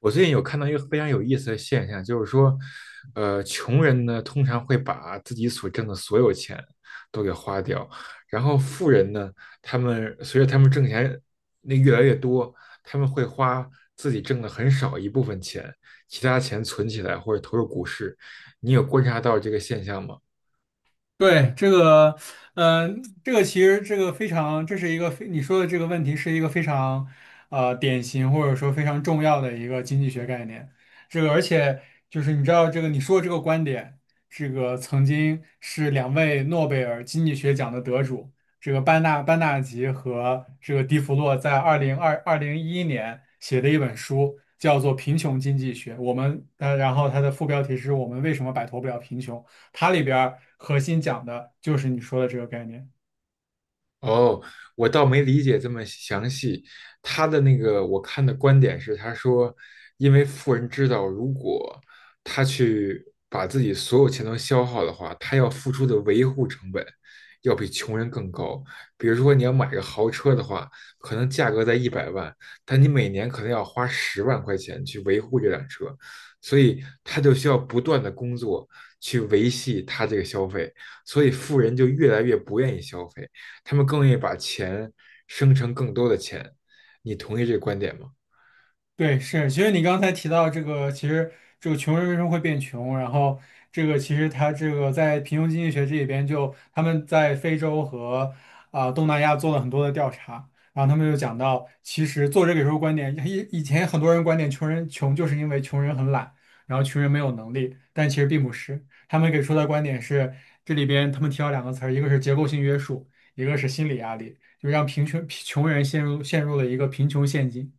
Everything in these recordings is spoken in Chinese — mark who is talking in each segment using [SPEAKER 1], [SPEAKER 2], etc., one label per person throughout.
[SPEAKER 1] 我最近有看到一个非常有意思的现象，就是说，穷人呢通常会把自己所挣的所有钱都给花掉，然后富人呢，他们随着他们挣钱那越来越多，他们会花自己挣的很少一部分钱，其他钱存起来或者投入股市。你有观察到这个现象吗？
[SPEAKER 2] 对，这个，这个其实这个非常，这是一个非你说的这个问题是一个非常，典型或者说非常重要的一个经济学概念。这个，而且就是你知道这个你说的这个观点，这个曾经是两位诺贝尔经济学奖的得主，这个班纳吉和这个迪弗洛在2011年写的一本书，叫做《贫穷经济学》。然后它的副标题是我们为什么摆脱不了贫穷。它里边核心讲的就是你说的这个概念。
[SPEAKER 1] 哦，我倒没理解这么详细。他的那个我看的观点是，他说，因为富人知道，如果他去把自己所有钱都消耗的话，他要付出的维护成本要比穷人更高。比如说，你要买个豪车的话，可能价格在100万，但你每年可能要花10万块钱去维护这辆车，所以他就需要不断的工作去维系他这个消费，所以富人就越来越不愿意消费。他们更愿意把钱生成更多的钱。你同意这个观点吗？
[SPEAKER 2] 对，是，其实你刚才提到这个，其实这个穷人为什么会变穷，然后这个其实他这个在贫穷经济学这里边就他们在非洲和东南亚做了很多的调查，然后他们就讲到，其实作者给出的观点，以前很多人观点穷人穷就是因为穷人很懒，然后穷人没有能力，但其实并不是，他们给出的观点是这里边他们提到两个词儿，一个是结构性约束，一个是心理压力，就让贫穷人陷入了一个贫穷陷阱。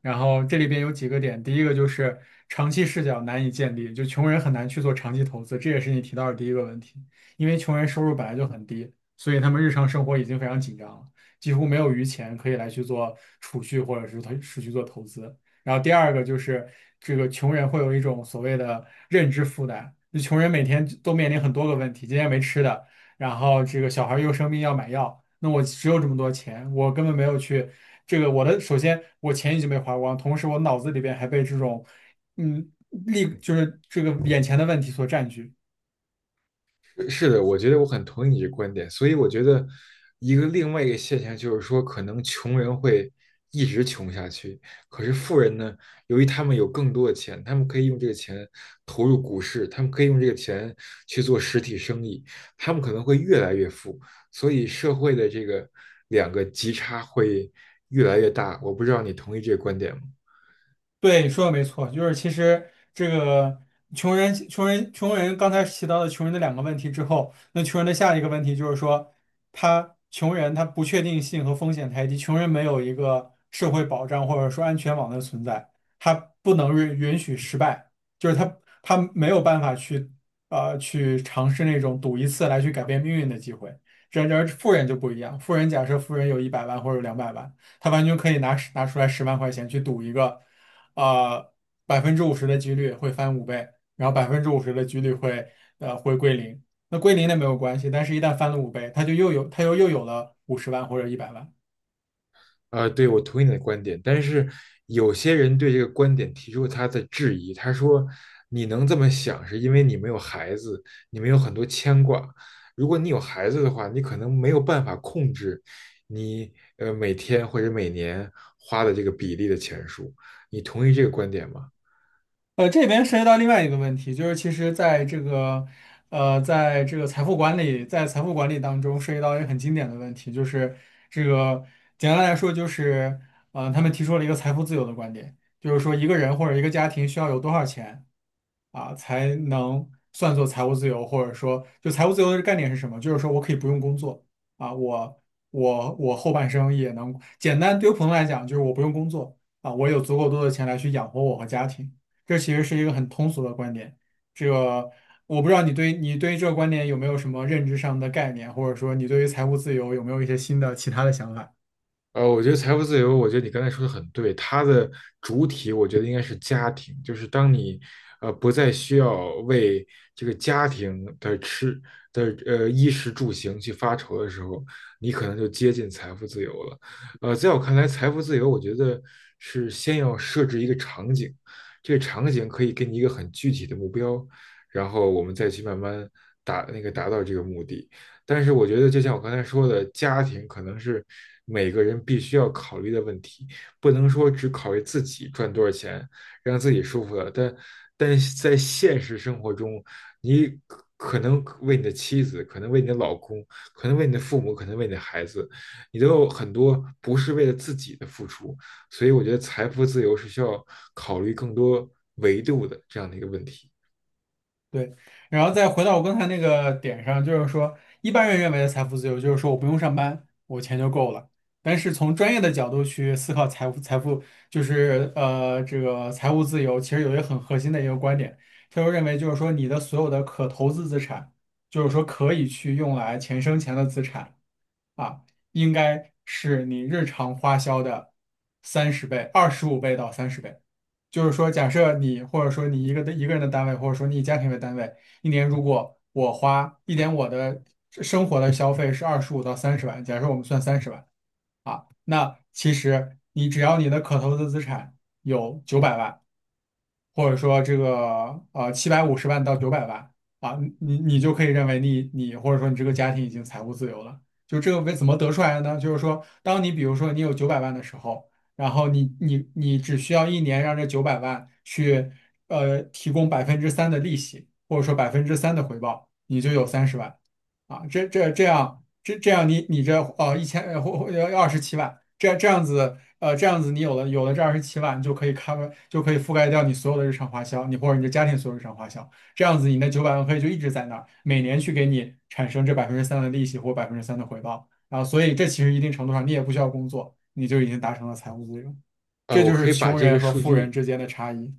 [SPEAKER 2] 然后这里边有几个点，第一个就是长期视角难以建立，就穷人很难去做长期投资，这也是你提到的第一个问题。因为穷人收入本来就很低，所以他们日常生活已经非常紧张了，几乎没有余钱可以来去做储蓄或者是去做投资。然后第二个就是这个穷人会有一种所谓的认知负担，就穷人每天都面临很多个问题，今天没吃的，然后这个小孩又生病要买药，那我只有这么多钱，我根本没有去。这个我的首先我钱已经被花光，同时我脑子里边还被这种嗯就是这个眼前的问题所占据。
[SPEAKER 1] 是的，我觉得我很同意你这个观点。所以我觉得一个另外一个现象就是说，可能穷人会一直穷下去，可是富人呢，由于他们有更多的钱，他们可以用这个钱投入股市，他们可以用这个钱去做实体生意，他们可能会越来越富。所以社会的这个两个极差会越来越大。我不知道你同意这个观点吗？
[SPEAKER 2] 对，你说的没错，就是其实这个穷人，刚才提到的穷人的两个问题之后，那穷人的下一个问题就是说，他穷人他不确定性和风险太低，穷人没有一个社会保障或者说安全网的存在，他不能允许失败，就是他没有办法去去尝试那种赌一次来去改变命运的机会。然而富人就不一样，富人假设富人有一百万或者200万。他完全可以拿出来10万块钱去赌一个。呃百分之五十的几率会翻五倍，然后百分之五十的几率会会归零。那归零那没有关系，但是一旦翻了五倍，他就又有他又有了五十万或者一百万。
[SPEAKER 1] 对，我同意你的观点，但是有些人对这个观点提出他的质疑。他说：“你能这么想，是因为你没有孩子，你没有很多牵挂。如果你有孩子的话，你可能没有办法控制你每天或者每年花的这个比例的钱数。”你同意这个观点吗？
[SPEAKER 2] 这边涉及到另外一个问题，就是其实在这个在这个财富管理在财富管理当中涉及到一个很经典的问题，就是这个简单来说就是他们提出了一个财富自由的观点，就是说一个人或者一个家庭需要有多少钱。啊，才能算作财务自由，或者说，就财务自由的概念是什么？就是说我可以不用工作啊，我后半生也能简单，对于普通来讲，就是我不用工作啊，我有足够多的钱来去养活我和家庭。这其实是一个很通俗的观点，这个我不知道你对于这个观点有没有什么认知上的概念，或者说你对于财务自由有没有一些新的其他的想法？
[SPEAKER 1] 我觉得财富自由，我觉得你刚才说的很对，它的主体我觉得应该是家庭，就是当你不再需要为这个家庭的衣食住行去发愁的时候，你可能就接近财富自由了。在我看来，财富自由，我觉得是先要设置一个场景，这个场景可以给你一个很具体的目标，然后我们再去慢慢达到这个目的。但是我觉得，就像我刚才说的，家庭可能是每个人必须要考虑的问题，不能说只考虑自己赚多少钱，让自己舒服了。但是在现实生活中，你可能为你的妻子，可能为你的老公，可能为你的父母，可能为你的孩子，你都有很多不是为了自己的付出。所以我觉得财富自由是需要考虑更多维度的这样的一个问题。
[SPEAKER 2] 对，然后再回到我刚才那个点上，就是说，一般人认为的财富自由，就是说我不用上班，我钱就够了。但是从专业的角度去思考财富，就是这个财务自由，其实有一个很核心的一个观点，他就认为就是说，你的所有的可投资资产，就是说可以去用来钱生钱的资产。啊，应该是你日常花销的三十倍、25倍到三十倍。就是说，假设你或者说你一个的一个人的单位，或者说你以家庭为单位，一年如果我花一年我的生活的消费是25到30万，假设我们算三十万啊，那其实你只要你的可投资资产有九百万。或者说这个750万到900万啊，你就可以认为你或者说你这个家庭已经财务自由了。就这个为怎么得出来的呢？就是说，当你比如说你有九百万的时候，然后你只需要一年让这九百万去提供百分之三的利息，或者说百分之三的回报，你就有三十万啊。这样你这呃一千呃或或呃二十七万，这样子你有了这二十七万，就可以 cover 就可以覆盖掉你所有的日常花销，你或者你的家庭所有日常花销。这样子你那九百万可以就一直在那儿，每年去给你产生这百分之三的利息或百分之三的回报。然后，所以这其实一定程度上你也不需要工作，你就已经达成了财务自由。
[SPEAKER 1] 啊、
[SPEAKER 2] 这
[SPEAKER 1] 我
[SPEAKER 2] 就
[SPEAKER 1] 可
[SPEAKER 2] 是
[SPEAKER 1] 以把
[SPEAKER 2] 穷
[SPEAKER 1] 这个
[SPEAKER 2] 人和
[SPEAKER 1] 数
[SPEAKER 2] 富人
[SPEAKER 1] 据
[SPEAKER 2] 之间的差异。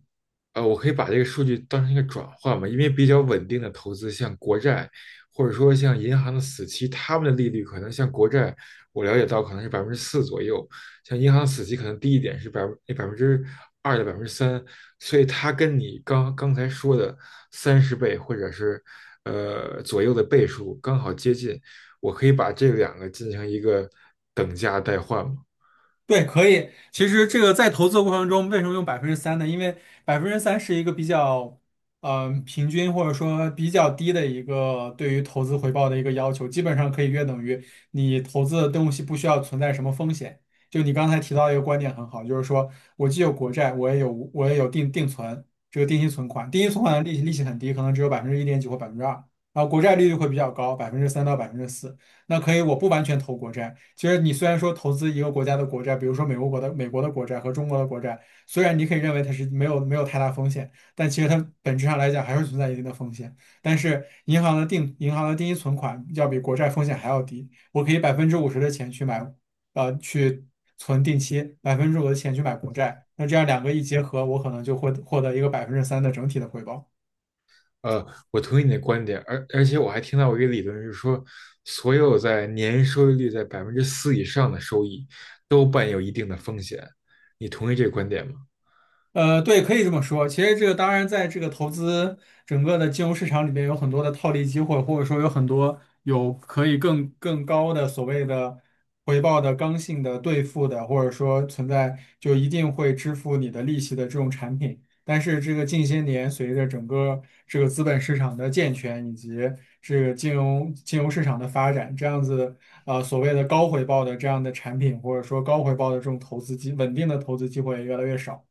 [SPEAKER 1] 我可以把这个数据当成一个转换嘛，因为比较稳定的投资，像国债，或者说像银行的死期，他们的利率可能像国债，我了解到可能是百分之四左右，像银行死期可能低一点是百分之二到3%，所以它跟你刚刚才说的三十倍或者是左右的倍数刚好接近，我可以把这两个进行一个等价代换嘛。
[SPEAKER 2] 对，可以。其实这个在投资的过程中，为什么用百分之三呢？因为百分之三是一个比较，平均或者说比较低的一个对于投资回报的一个要求，基本上可以约等于你投资的东西不需要存在什么风险。就你刚才提到一个观点很好，就是说我既有国债，我也有定存，这个定期存款，定期存款的利息很低，可能只有百分之一点几或2%，然后国债利率会比较高，百分之三到4%。那可以，我不完全投国债。其实你虽然说投资一个国家的国债，比如说美国的国债和中国的国债，虽然你可以认为它是没有太大风险，但其实它本质上来讲还是存在一定的风险。但是银行的定期存款要比国债风险还要低，我可以百分之五十的钱去买，去存定期，百分之五的钱去买国债，那这样两个一结合，我可能就会获得一个百分之三的整体的回报。
[SPEAKER 1] 呃，我同意你的观点，而且我还听到过一个理论是说，所有在年收益率在百分之四以上的收益都伴有一定的风险，你同意这个观点吗？
[SPEAKER 2] 对，可以这么说。其实这个当然，在这个投资整个的金融市场里面，有很多的套利机会，或者说有很多有可以更高的所谓的回报的刚性的兑付的，或者说存在就一定会支付你的利息的这种产品。但是这个近些年随着整个这个资本市场的健全以及这个金融市场的发展，这样子所谓的高回报的这样的产品，或者说高回报的这种投资机稳定的投资机会也越来越少。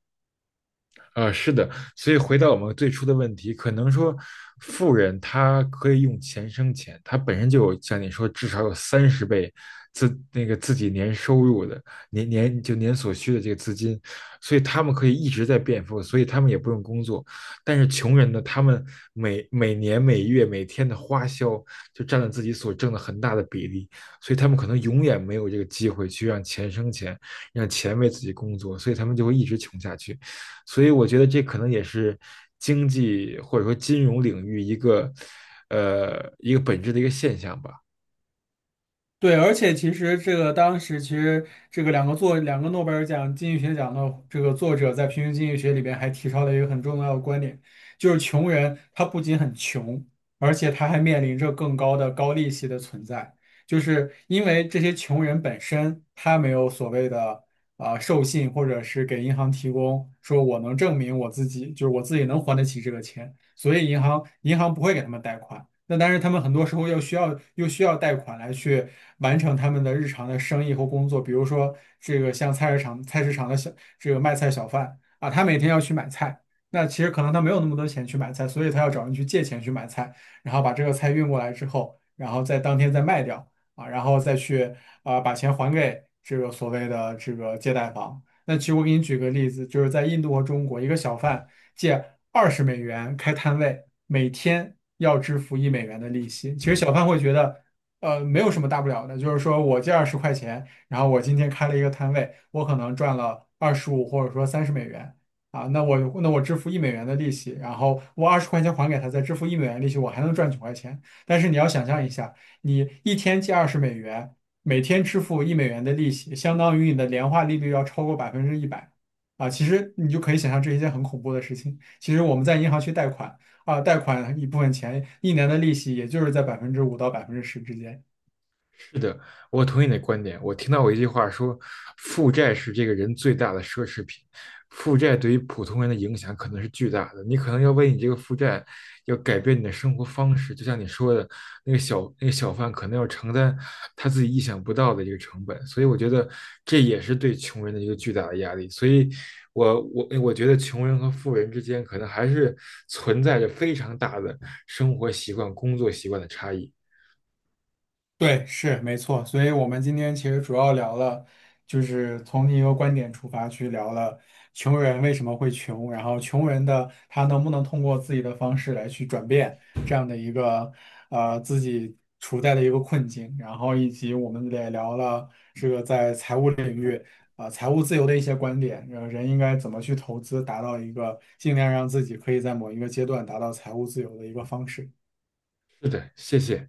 [SPEAKER 1] 是的，所以回到我们最初的问题，可能说富人他可以用钱生钱，他本身就有像你说至少有三十倍自那个自己年收入的年所需的这个资金，所以他们可以一直在变富，所以他们也不用工作。但是穷人呢，他们每年每月每天的花销就占了自己所挣的很大的比例，所以他们可能永远没有这个机会去让钱生钱，让钱为自己工作，所以他们就会一直穷下去。所以我觉得这可能也是经济或者说金融领域一个一个本质的一个现象吧。
[SPEAKER 2] 对，而且其实这个当时其实这个两个诺贝尔奖经济学奖的这个作者在平行经济学里边还提到了一个很重要的观点，就是穷人他不仅很穷，而且他还面临着更高的高利息的存在，就是因为这些穷人本身他没有所谓的授信或者是给银行提供说我能证明我自己，就是我自己能还得起这个钱，所以银行不会给他们贷款。那但是他们很多时候又需要贷款来去完成他们的日常的生意或工作，比如说这个像菜市场这个卖菜小贩啊，他每天要去买菜，那其实可能他没有那么多钱去买菜，所以他要找人去借钱去买菜，然后把这个菜运过来之后，然后在当天再卖掉啊，然后再去把钱还给这个所谓的这个借贷方。那其实我给你举个例子，就是在印度和中国，一个小贩。借二十美元开摊位，每天要支付一美元的利息。其实小贩会觉得，没有什么大不了的，就是说我借二十块钱，然后我今天开了一个摊位，我可能赚了二十五或者说30美元。啊，那我支付一美元的利息，然后我二十块钱还给他，再支付一美元利息，我还能赚9块钱。但是你要想象一下，你一天借二十美元，每天支付一美元的利息，相当于你的年化利率要超过100%。啊，其实你就可以想象这是一件很恐怖的事情。其实我们在银行去贷款啊，贷款一部分钱，一年的利息也就是在百分之五到10%之间。
[SPEAKER 1] 是的，我同意你的观点。我听到过一句话说，负债是这个人最大的奢侈品。负债对于普通人的影响可能是巨大的，你可能要为你这个负债，要改变你的生活方式。就像你说的，那个小贩可能要承担他自己意想不到的一个成本。所以我觉得这也是对穷人的一个巨大的压力。所以我觉得穷人和富人之间可能还是存在着非常大的生活习惯、工作习惯的差异。
[SPEAKER 2] 对，是没错。所以我们今天其实主要聊了，就是从一个观点出发去聊了穷人为什么会穷，然后穷人的他能不能通过自己的方式来去转变这样的一个自己处在的一个困境，然后以及我们也聊了这个在财务领域财务自由的一些观点，人应该怎么去投资，达到一个尽量让自己可以在某一个阶段达到财务自由的一个方式。
[SPEAKER 1] 是的，谢谢。